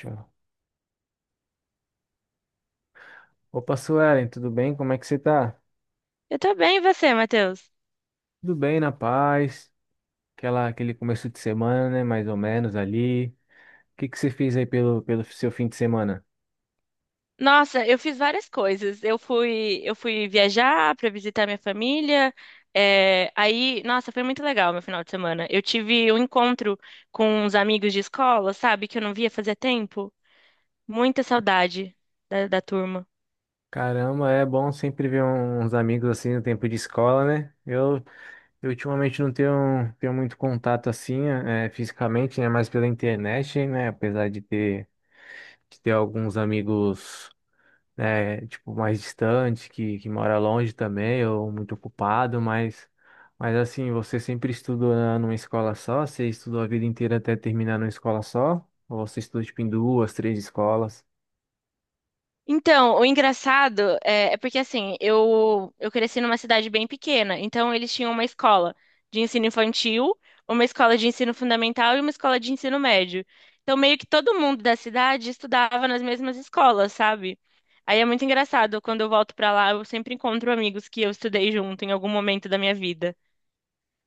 Show. Opa, Suelen, tudo bem? Como é que você tá? Eu tô bem, e você, Matheus? Tudo bem, na paz. Aquele começo de semana, né? Mais ou menos ali. O que que você fez aí pelo seu fim de semana? Nossa, eu fiz várias coisas. Eu fui viajar pra visitar minha família. Nossa, foi muito legal meu final de semana. Eu tive um encontro com uns amigos de escola, sabe, que eu não via fazia tempo. Muita saudade da turma. Caramba, é bom sempre ver uns amigos assim no tempo de escola, né? Eu ultimamente não tenho, tenho muito contato assim, fisicamente, né? Mais pela internet, né? Apesar de ter alguns amigos. Né, tipo, mais distante, que mora longe também, ou muito ocupado, mas assim, você sempre estudou numa escola só? Você estudou a vida inteira até terminar numa escola só? Ou você estudou, tipo, em duas, três escolas? Então, o engraçado é porque assim, eu cresci numa cidade bem pequena, então eles tinham uma escola de ensino infantil, uma escola de ensino fundamental e uma escola de ensino médio. Então, meio que todo mundo da cidade estudava nas mesmas escolas, sabe? Aí é muito engraçado, quando eu volto pra lá, eu sempre encontro amigos que eu estudei junto em algum momento da minha vida.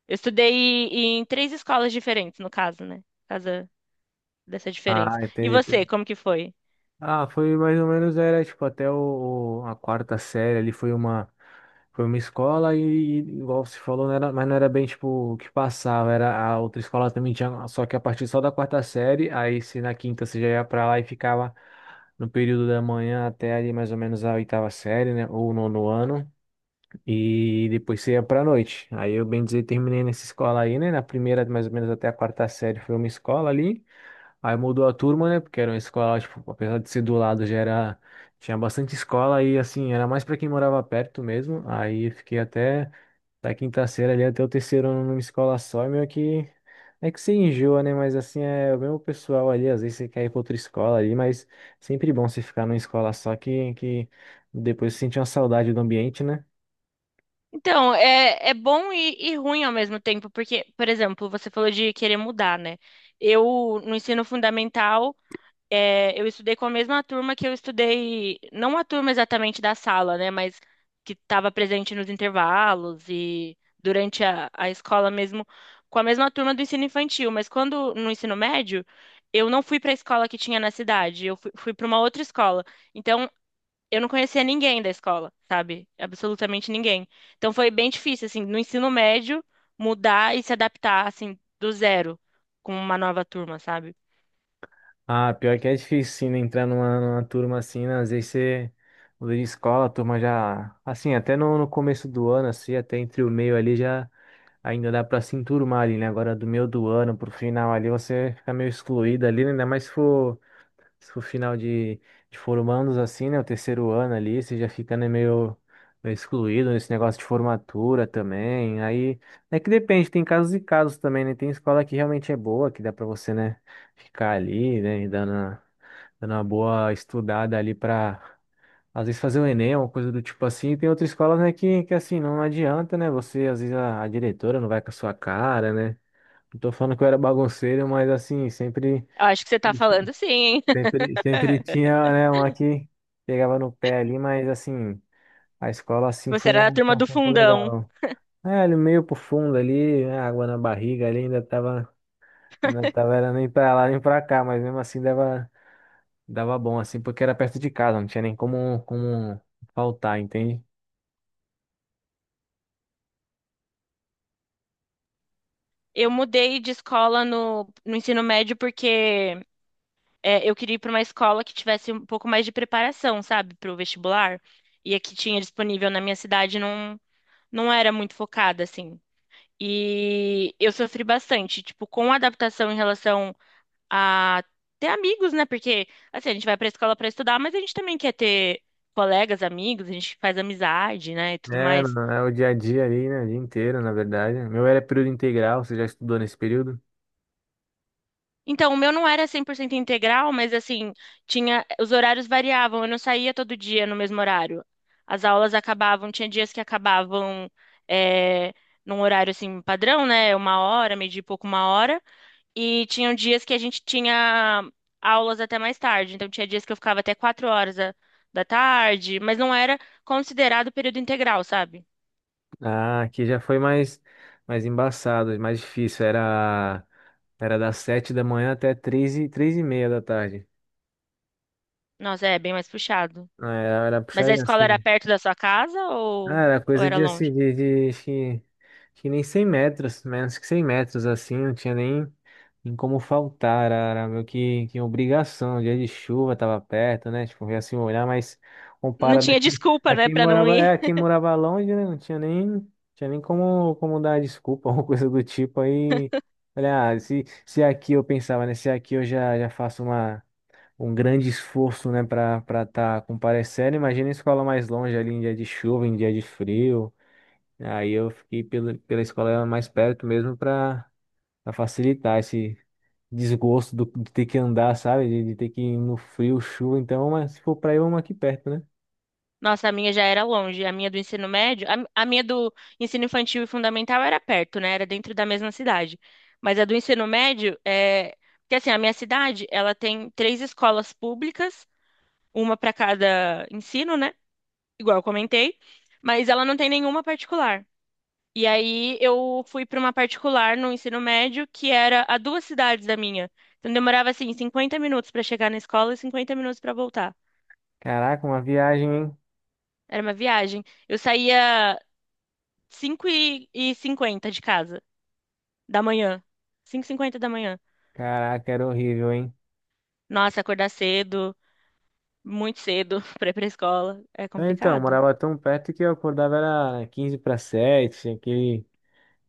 Eu estudei em três escolas diferentes, no caso, né? Por causa dessa diferença. Ah, E você, entendi. como que foi? Ah, foi mais ou menos, era tipo até a quarta série ali foi uma escola e igual você falou, não era, mas não era bem tipo o que passava, era a outra escola também tinha, só que a partir só da quarta série, aí se na quinta você já ia pra lá e ficava no período da manhã até ali mais ou menos a oitava série, né, ou o nono ano, e depois você ia pra noite. Aí eu bem dizer terminei nessa escola aí, né, na primeira mais ou menos até a quarta série foi uma escola ali. Aí mudou a turma, né? Porque era uma escola, tipo, apesar de ser do lado, já era. Tinha bastante escola e, assim, era mais para quem morava perto mesmo. Aí fiquei até da quinta série ali até o terceiro ano numa escola só. E meio que. É que você enjoa, né? Mas, assim, é o mesmo pessoal ali. Às vezes você quer ir pra outra escola ali, mas sempre bom você ficar numa escola só que depois você sente uma saudade do ambiente, né? Então, é bom e ruim ao mesmo tempo, porque, por exemplo, você falou de querer mudar, né? Eu, no ensino fundamental, eu estudei com a mesma turma que eu estudei, não a turma exatamente da sala, né? Mas que estava presente nos intervalos e durante a escola mesmo, com a mesma turma do ensino infantil. Mas quando, no ensino médio, eu não fui para a escola que tinha na cidade, eu fui para uma outra escola. Então, eu não conhecia ninguém da escola, sabe? Absolutamente ninguém. Então foi bem difícil, assim, no ensino médio, mudar e se adaptar, assim, do zero com uma nova turma, sabe? Ah, pior que é difícil, sim, né, entrar numa turma assim, né? Às vezes você muda de escola, a turma já. Assim, até no começo do ano, assim, até entre o meio ali já ainda dá pra se enturmar ali, né? Agora do meio do ano pro final ali você fica meio excluído ali, né? Ainda mais se for final de formandos, assim, né? O terceiro ano ali, você já fica, né, meio excluído nesse negócio de formatura também. Aí é que depende, tem casos e casos também, né? Tem escola que realmente é boa, que dá pra você, né? Ficar ali, né, e dando uma boa estudada ali pra às vezes fazer o Enem, uma coisa do tipo assim. E tem outras escolas, né, que assim, não adianta, né? Você, às vezes, a diretora não vai com a sua cara, né? Não tô falando que eu era bagunceiro, mas assim, Eu acho que você tá falando sim, hein? Sempre tinha, né, uma que pegava no pé ali, mas assim, a escola assim Você era da foi turma um do tempo fundão. legal. É, ele meio pro fundo ali, né, água na barriga ali, ainda tava, era nem pra lá nem pra cá, mas mesmo assim dava. Dava bom, assim, porque era perto de casa, não tinha nem como, como faltar, entende? Eu mudei de escola no ensino médio porque eu queria ir para uma escola que tivesse um pouco mais de preparação, sabe, para o vestibular. E a que tinha disponível na minha cidade não era muito focada, assim. E eu sofri bastante, tipo, com a adaptação em relação a ter amigos, né? Porque, assim, a gente vai pra escola pra estudar, mas a gente também quer ter colegas, amigos, a gente faz amizade, né? E tudo É, mais. não, é o dia a dia ali, né? O dia inteiro, na verdade. O meu era período integral, você já estudou nesse período? Então, o meu não era 100% integral, mas, assim, tinha, os horários variavam, eu não saía todo dia no mesmo horário. As aulas acabavam, tinha dias que acabavam, é, num horário, assim, padrão, né? Uma hora, meio dia e pouco, uma hora. E tinham dias que a gente tinha aulas até mais tarde. Então, tinha dias que eu ficava até 4 horas da tarde, mas não era considerado período integral, sabe? Ah, aqui já mais embaçado, mais difícil. Era das sete da manhã até três e meia da tarde. Nossa, é bem mais puxado. Ah, era, era Mas a puxadinho escola era assim. perto da sua casa Ah, era ou coisa era de, assim, longe? de acho que nem 100 metros, menos que 100 metros, assim, não tinha nem como faltar, era meio que obrigação, dia de chuva tava perto, né, tipo, ia assim olhar, mas Não comparado tinha aqui, desculpa, né, pra não ir. aqui morava longe, né, tinha nem como dar desculpa, alguma coisa do tipo, aí, olha, ah, se aqui eu pensava, né, se aqui eu já faço uma um grande esforço, né, para estar comparecendo. Imagina a escola mais longe ali em dia de chuva, em dia de frio. Aí eu fiquei pela escola mais perto mesmo para facilitar esse desgosto de ter que andar, sabe? De ter que ir no frio, chuva. Então, mas se for para ir, uma aqui perto, né? Nossa, a minha já era longe. A minha do ensino médio, a minha do ensino infantil e fundamental era perto, né? Era dentro da mesma cidade. Mas a do ensino médio é. Porque assim, a minha cidade, ela tem três escolas públicas uma para cada ensino, né? Igual eu comentei, mas ela não tem nenhuma particular. E aí eu fui para uma particular no ensino médio que era a duas cidades da minha. Então demorava assim 50 minutos para chegar na escola e 50 minutos para voltar. Caraca, uma viagem, hein? Era uma viagem. Eu saía 5:50 de casa da manhã. 5:50 da manhã. Caraca, era horrível, hein? Nossa, acordar cedo, muito cedo para ir para escola é Então, eu complicado. morava tão perto que eu acordava era 15 para 7, aquele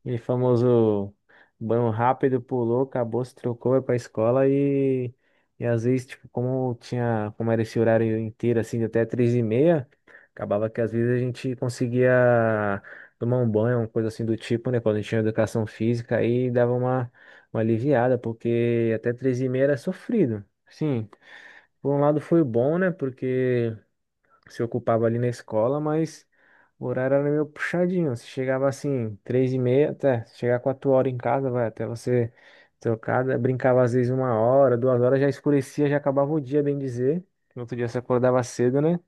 e famoso banho rápido, pulou, acabou, se trocou, é pra escola e às vezes, tipo, como tinha, como era esse horário inteiro, assim, de até três e meia, acabava que às vezes a gente conseguia tomar um banho, uma coisa assim do tipo, né? Quando a gente tinha educação física, aí dava uma aliviada, porque até três e meia era sofrido. Sim, por um lado foi bom, né? Porque se ocupava ali na escola, mas o horário era meio puxadinho. Você chegava assim, três e meia, até chegar 4 horas em casa, vai, até você trocada, brincava às vezes 1 hora, 2 horas, já escurecia, já acabava o dia, bem dizer. No outro dia você acordava cedo, né?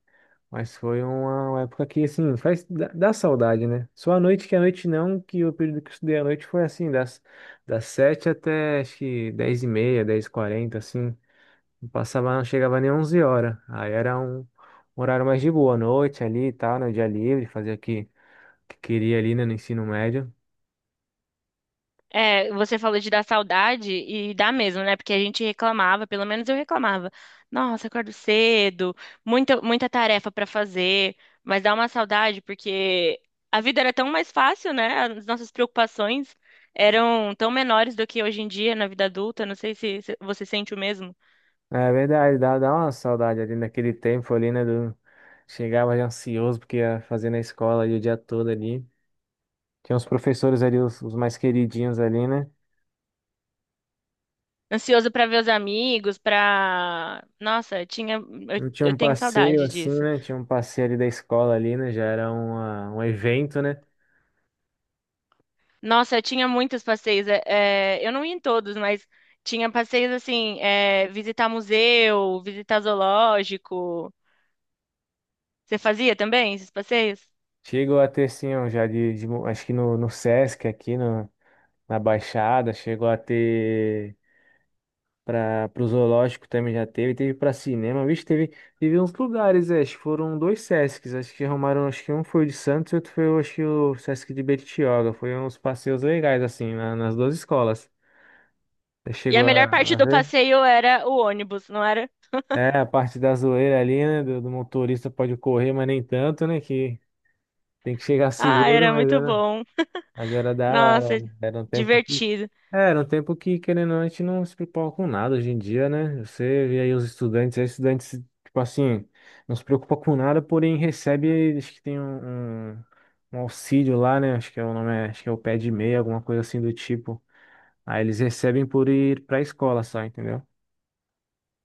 Mas foi uma época que, assim, faz, dá saudade, né? Só a noite, que a noite não, que o período que eu estudei à noite foi assim, das sete até, acho que, dez e meia, dez e quarenta, assim. Não passava, não chegava nem 11 horas. Aí era um horário mais de boa, à noite ali e tal, no dia livre, fazia o que queria ali, né, no ensino médio. É, você falou de dar saudade e dá mesmo, né? Porque a gente reclamava, pelo menos eu reclamava. Nossa, acordo cedo, muita tarefa pra fazer, mas dá uma saudade porque a vida era tão mais fácil, né? As nossas preocupações eram tão menores do que hoje em dia na vida adulta. Não sei se você sente o mesmo. É verdade, dá uma saudade ali naquele tempo ali, né, do... Chegava já ansioso porque ia fazer na escola ali o dia todo ali. Tinha os professores ali, os mais queridinhos ali, né? Ansioso pra ver os amigos, pra. Nossa, tinha, eu, Não tinha eu um tenho passeio saudade assim, disso. né? Tinha um passeio ali da escola ali, né? Já era uma, um evento, né? Nossa, eu tinha muitos passeios. Eu não ia em todos, mas tinha passeios assim, visitar museu, visitar zoológico. Você fazia também esses passeios? Chegou a ter, assim, um já de, acho que no, no Sesc aqui, no, na Baixada, chegou a ter para o zoológico também já teve, teve para cinema, vixe, teve, teve uns lugares, é, acho que foram dois Sescs, acho que arrumaram, acho que um foi o de Santos e outro foi, acho que o Sesc de Bertioga, foi uns passeios legais, assim, nas duas escolas. Você E a chegou melhor parte a do ver? passeio era o ônibus, não era? É, a parte da zoeira ali, né, do motorista pode correr, mas nem tanto, né, que tem que chegar Ah, seguro, era muito bom. mas era da hora, Nossa, né? Era um tempo divertido. é, era um tempo que, querendo ou não, a gente não se preocupa com nada hoje em dia, né? Você vê aí os estudantes, aí estudantes, tipo assim, não se preocupa com nada, porém recebe, acho que tem um auxílio lá, né? Acho que é o nome, acho que é o pé de meia, alguma coisa assim do tipo. Aí eles recebem por ir pra escola só, entendeu?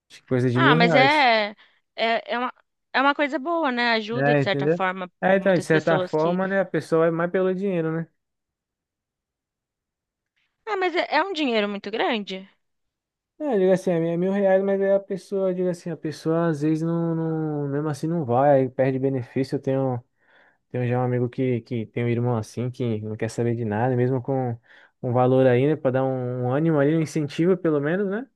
Acho que coisa de Ah, mil mas reais. É, é uma coisa boa, né? Ajuda, É, de certa entendeu? forma, É, então, de muitas certa pessoas que. forma, né, a pessoa vai mais pelo dinheiro, né? Ah, mas é é um dinheiro muito grande? É, eu digo assim, é R$ 1.000, mas aí a pessoa, eu digo assim, a pessoa às vezes mesmo assim não vai, aí perde benefício. Tenho já um amigo que tem um irmão assim, que não quer saber de nada, mesmo com um valor aí, né? Pra dar um ânimo ali, um incentivo pelo menos, né?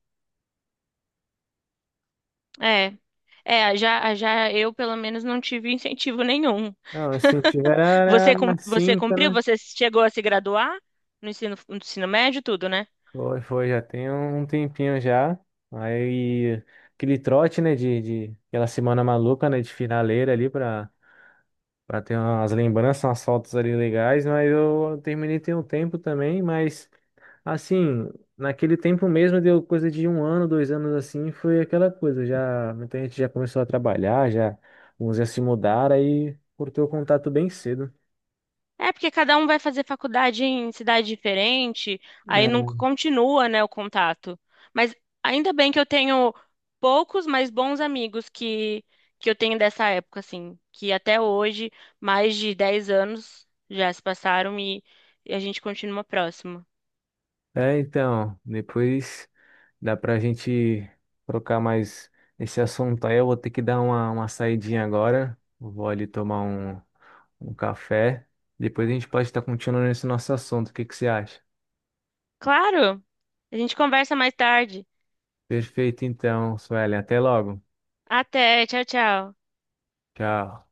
É. É, já, já eu pelo menos não tive incentivo nenhum. Não, o incentivo era era você cinta, cumpriu? né? Você chegou a se graduar no ensino, no ensino médio, tudo, né? Foi, foi, já tem um tempinho já. Aí, aquele trote, né? De aquela semana maluca, né? De finaleira ali pra ter umas lembranças, umas fotos ali legais. Mas eu terminei tem um tempo também, mas. Assim, naquele tempo mesmo, deu coisa de um ano, dois anos assim, foi aquela coisa. Já, muita gente já começou a trabalhar, já uns já se mudaram, aí cortou o contato bem cedo. É, porque cada um vai fazer faculdade em cidade diferente, aí não continua, né, o contato. Mas ainda bem que eu tenho poucos, mas bons amigos que eu tenho dessa época, assim, que até hoje, mais de 10 anos já se passaram e a gente continua próximo. É, então, depois dá pra gente trocar mais esse assunto aí. Eu vou ter que dar uma saidinha agora. Vou ali tomar um café. Depois a gente pode estar continuando esse nosso assunto. O que que você acha? Claro! A gente conversa mais tarde. Perfeito, então, Suelen. Até logo. Até, tchau, tchau. Tchau.